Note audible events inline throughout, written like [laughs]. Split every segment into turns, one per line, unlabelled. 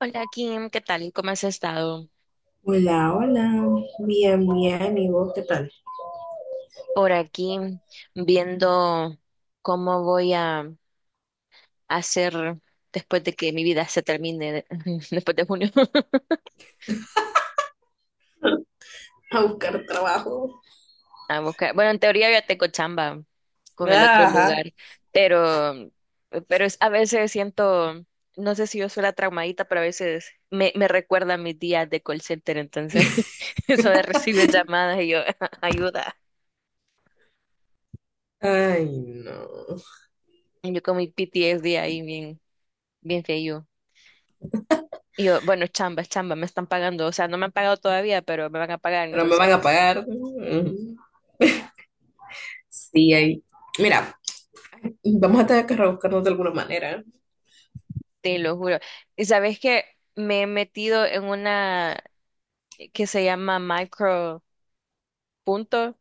Hola Kim, ¿qué tal? ¿Cómo has estado?
Hola, hola, bien, bien, ¿y vos qué tal?
Por aquí viendo cómo voy a hacer después de que mi vida se termine, [laughs] después de junio. [laughs]
A buscar trabajo.
A buscar. Bueno, en teoría ya tengo chamba con el otro
Ajá.
lugar, pero, pero a veces siento, no sé si yo soy la traumadita, pero a veces me recuerda a mis días de call center, entonces [laughs] eso de recibir llamadas y yo, [laughs] ayuda.
Ay, no.
Yo con mi PTSD ahí bien, bien feo. Y yo, bueno, es chamba, me están pagando. O sea, no me han pagado todavía, pero me van a pagar,
Pero me van a
entonces,
pagar. Mm. Sí, ahí. Mira, vamos a tener que rebuscarnos de alguna manera.
te lo juro. Y sabes que me he metido en una que se llama micro punto.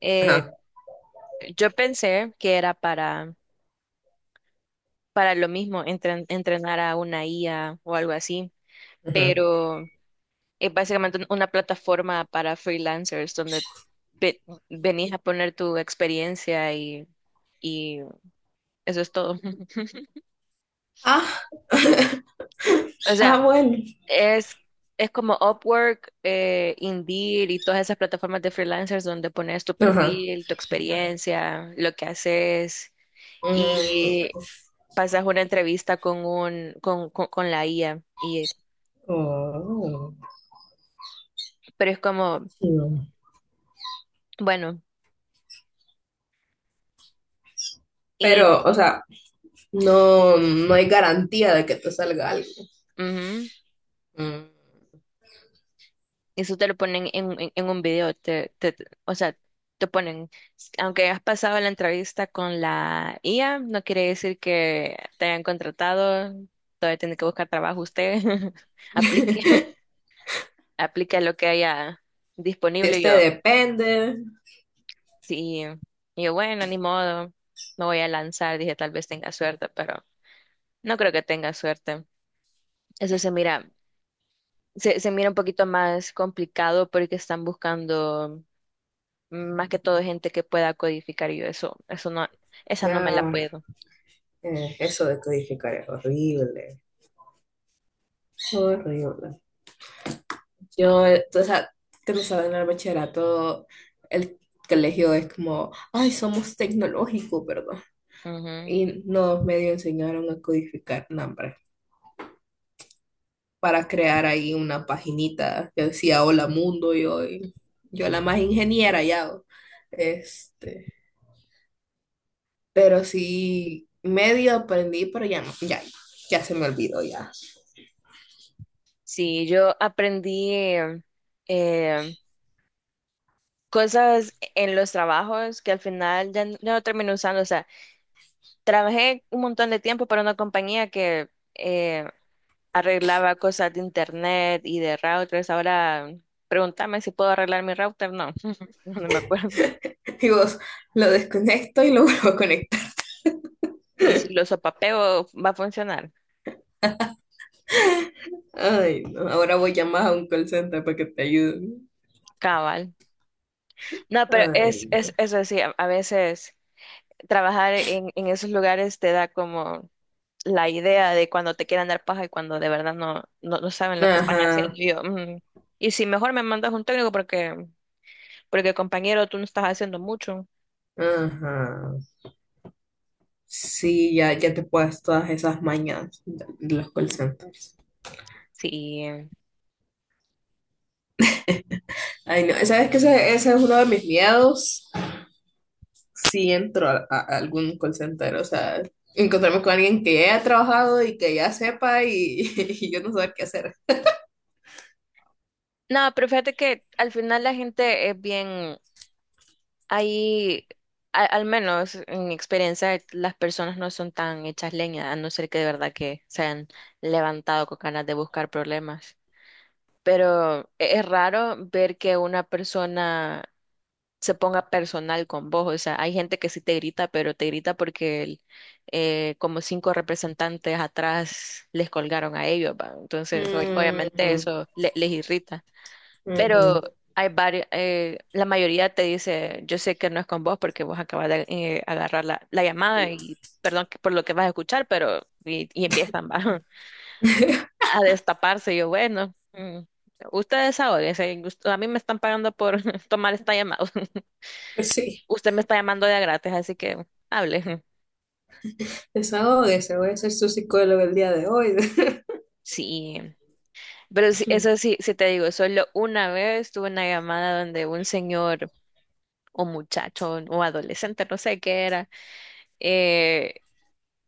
Eh,
Ajá.
yo pensé que era para lo mismo, entrenar a una IA o algo así,
Ajá.
pero es básicamente una plataforma para freelancers donde ve- venís a poner tu experiencia y eso es todo. [laughs]
Ah, [laughs]
O
ah,
sea,
bueno.
Es, es como Upwork, Indeed y todas esas plataformas de freelancers donde pones tu
Ajá.
perfil, tu experiencia, lo que haces y
Mm,
pasas una entrevista con con la IA y
oh,
pero es como,
chido.
bueno, y
Pero, o sea, no, no hay garantía de que te salga algo.
ujú.
Mm.
Eso te lo ponen en un video, o sea, te ponen, aunque has pasado la entrevista con la IA, no quiere decir que te hayan contratado, todavía tiene que buscar trabajo usted, [laughs] aplique,
[laughs]
[laughs] aplique lo que haya
De
disponible. Y
este
yo,
depende.
sí, y yo, bueno, ni modo, me voy a lanzar, dije, tal vez tenga suerte, pero no creo que tenga suerte. Eso se mira, se mira un poquito más complicado porque están buscando más que todo gente que pueda codificar y yo eso no, esa no me
Ya,
la puedo.
eso de codificar es horrible, horrible. Yo, o sea, que no saben, en el bachillerato, el colegio es como, ay, somos tecnológicos, ¿verdad?
Ujú.
Y nos medio enseñaron a codificar nombres para crear ahí una paginita que decía Hola Mundo, y hoy yo la más ingeniera ya. O. Este, pero sí, medio aprendí, pero ya no, ya, ya se me olvidó ya.
Sí, yo aprendí eh, cosas en los trabajos que al final ya, ya no terminé usando. O sea, trabajé un montón de tiempo para una compañía que eh, arreglaba cosas de internet y de routers. Ahora pregúntame si puedo arreglar mi router. No, [laughs] no me acuerdo.
Y vos lo desconecto y lo [laughs] vuelvo a conectar.
Y si lo sopapeo, va a funcionar.
Ay, no. Ahora voy a llamar a un call center para que te ayuden.
Cabal. No, pero
Ay,
es,
no.
es eso sí, a veces trabajar en esos lugares te da como la idea de cuando te quieran dar paja y cuando de verdad no, no, no saben lo que están haciendo.
Ajá,
Y yo, "Mm". Y si mejor me mandas un técnico porque, porque compañero, tú no estás haciendo mucho.
ajá. Sí, ya, ya te puedes todas esas mañas de los call centers.
Sí.
Ay, no. ¿Sabes que Ese es uno de mis miedos. Si entro a algún call center, o sea, encontrarme con alguien que ya haya trabajado y que ya sepa y, [laughs] y yo no saber qué hacer.
No, pero fíjate que al final la gente es bien, ahí, al menos en mi experiencia, las personas no son tan hechas leña, a no ser que de verdad que se hayan levantado con ganas de buscar problemas. Pero es raro ver que una persona se ponga personal con vos. O sea, hay gente que sí te grita, pero te grita porque como cinco representantes atrás les colgaron a ellos, ¿va? Entonces,
Mm,
obviamente
ujú,
eso les irrita. Pero
ujú.
hay varios, la mayoría te dice, yo sé que no es con vos porque vos acabas de agarrar la llamada y perdón por lo que vas a escuchar, pero y empiezan ¿va? [laughs]
[laughs]
a destaparse. Yo, bueno. Ustedes ahora, a mí me están pagando por [laughs] tomar esta llamada.
Pues sí.
Usted me está llamando de a gratis, así que hable. [laughs]
Desahógese, voy a ser su psicólogo el día de hoy.
Sí, pero sí, eso
[laughs]
sí, sí te digo, solo una vez tuve una llamada donde un señor o muchacho o adolescente, no sé qué era, eh,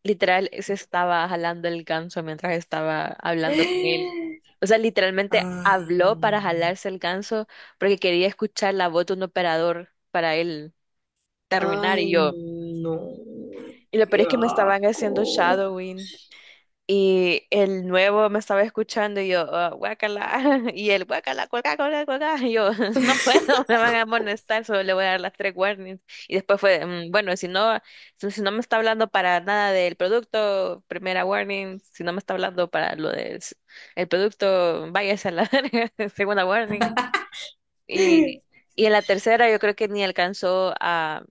literal se estaba jalando el ganso mientras estaba hablando con él. O sea, literalmente
Ay,
habló
no.
para jalarse el ganso porque quería escuchar la voz de un operador para él terminar y yo.
Ay, no.
Y lo peor
Qué
es que me estaban haciendo
asco. [laughs]
shadowing. Y el nuevo me estaba escuchando y yo, "Ah, guácala, [laughs] y el guácala, cuaca, cuaca, cuaca", y yo, [laughs] no puedo, me van a amonestar, solo le voy a dar las tres warnings. Y después fue, "Mm, bueno, si no, si, si no me está hablando para nada del producto, primera warning, si no me está hablando para lo del el producto, váyase a la [laughs] verga", segunda warning. Y, y en la tercera yo creo que ni alcanzó a,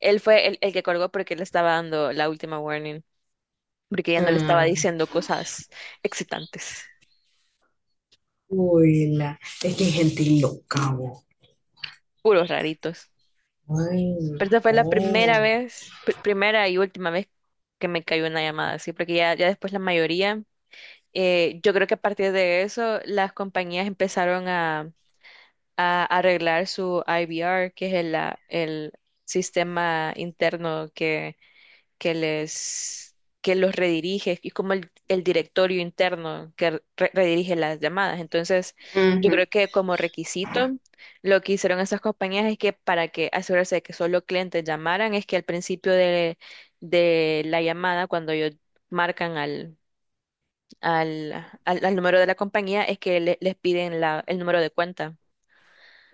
él fue el que colgó porque le estaba dando la última warning porque ya no le estaba
Ah,
diciendo cosas excitantes,
uy, la. Es que hay gente loca, vos.
puros raritos.
Ay,
Pero esta fue la primera
no.
vez, primera y última vez que me cayó una llamada así, porque ya, ya después la mayoría, yo creo que a partir de eso las compañías empezaron a arreglar su IVR, que es el sistema interno que les, que los redirige, y como el directorio interno que redirige las llamadas. Entonces, yo
Ujú,
creo que como requisito, lo que hicieron esas compañías es que para que asegurarse de que solo clientes llamaran, es que al principio de la llamada, cuando ellos marcan al, al número de la compañía, es que les piden la, el número de cuenta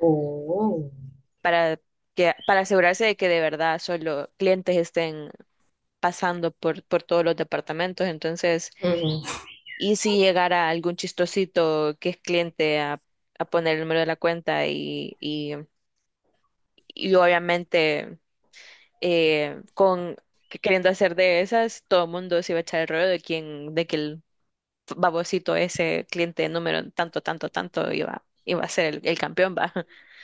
oh.
para que, para asegurarse de que de verdad solo clientes estén pasando por todos los departamentos. Entonces,
Ujú,
y si llegara algún chistosito que es cliente a poner el número de la cuenta y obviamente con queriendo hacer de esas, todo el mundo se iba a echar el rollo de quién, de que el babosito ese cliente número tanto, tanto, tanto iba, iba a ser el campeón, va.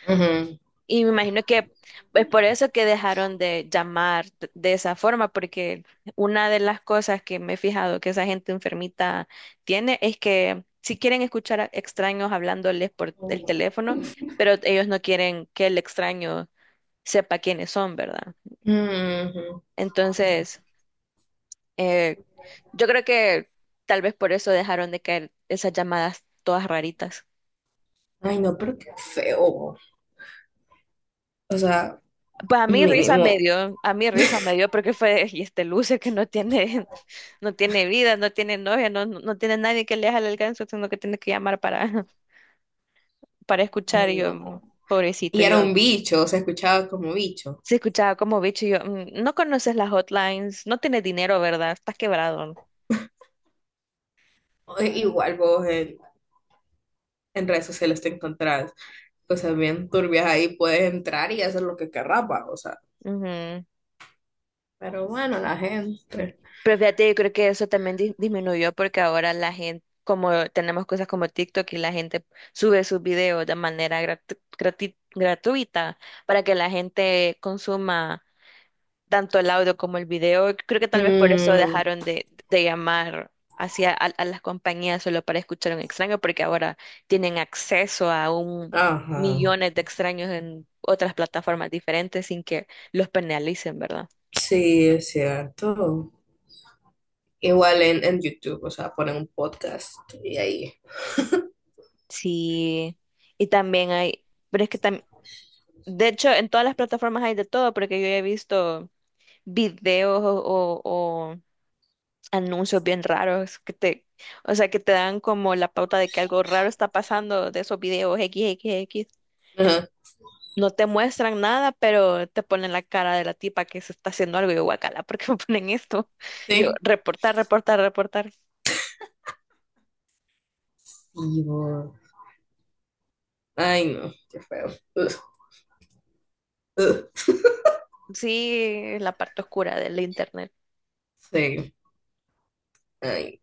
ujú.
Y me imagino que es por eso que dejaron de llamar de esa forma, porque una de las cosas que me he fijado que esa gente enfermita tiene es que si quieren escuchar a extraños hablándoles por el
Oh.
teléfono, pero ellos no quieren que el extraño sepa quiénes son, ¿verdad?
Ujú.
Entonces, eh, yo creo que tal vez por eso dejaron de caer esas llamadas todas raritas.
Ay, no, pero qué feo. O sea,
Pues a mí risa
mínimo.
me dio, a mí risa me dio porque fue, y este Lucio que no tiene, [laughs] no tiene vida, no tiene novia, no, no no tiene nadie que le haga el alcance, sino que tiene que llamar para, [laughs] para
Ay,
escuchar, y yo,
no.
pobrecito,
Y era
yo
un bicho, se escuchaba como bicho.
se escuchaba como bicho, y yo, "Mm, no conoces las hotlines, no tienes dinero, ¿verdad? Estás quebrado".
Igual vos en, redes sociales te encontrás cosas bien turbias ahí, puedes entrar y hacer lo que querrás, va, o sea.
Ujú.
Pero bueno, la gente.
Pero fíjate, yo creo que eso también disminuyó porque ahora la gente, como tenemos cosas como TikTok y la gente sube sus videos de manera gratuita para que la gente consuma tanto el audio como el video. Creo que tal vez por eso
Mm,
dejaron de llamar hacia a las compañías solo para escuchar a un extraño, porque ahora tienen acceso a un
ajá.
millones de extraños en otras plataformas diferentes sin que los penalicen, ¿verdad?
Sí, es cierto. Igual en YouTube, o sea, ponen un podcast y ahí.
Sí, y también hay, pero es que también, de hecho, en todas las plataformas hay de todo, porque yo he visto videos o, o anuncios bien raros que te, o sea, que te dan como la pauta de que algo raro está pasando de esos videos x x x.
Ajá,
No te muestran nada, pero te ponen la cara de la tipa que se está haciendo algo y yo, guacala, ¿por qué me ponen esto? Y yo,
sí.
reportar, reportar, reportar.
Y vos. Ay, no, qué feo. [laughs] Ugh, ugh.
Sí, la parte oscura del internet.
Sí, ay.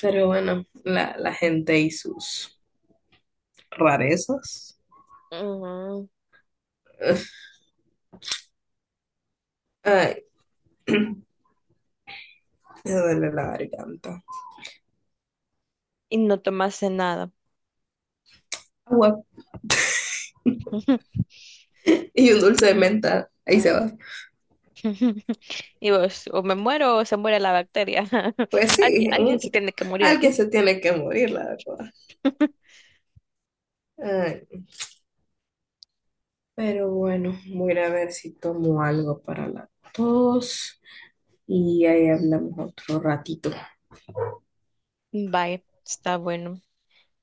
Pero bueno, la gente y sus rarezas.
Ujú.
Ay, me duele la garganta.
Y no tomaste nada.
Agua
[laughs]
y un dulce de menta. Ahí se va.
[laughs] Y vos, o me muero o se muere la bacteria. [laughs]
Pues
Alguien,
sí,
alguien se tiene que morir
alguien
aquí.
se tiene que morir, la verdad. Ay, pero bueno, voy a ir a ver si tomo algo para la tos y ahí hablamos otro ratito.
Bye, está bueno.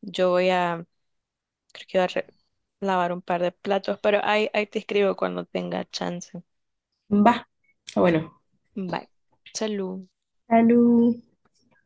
Yo voy a, creo que voy a lavar un par de platos, pero ahí, ahí te escribo cuando tenga chance.
Va. Ah, bueno,
Bye. Salud.
salud.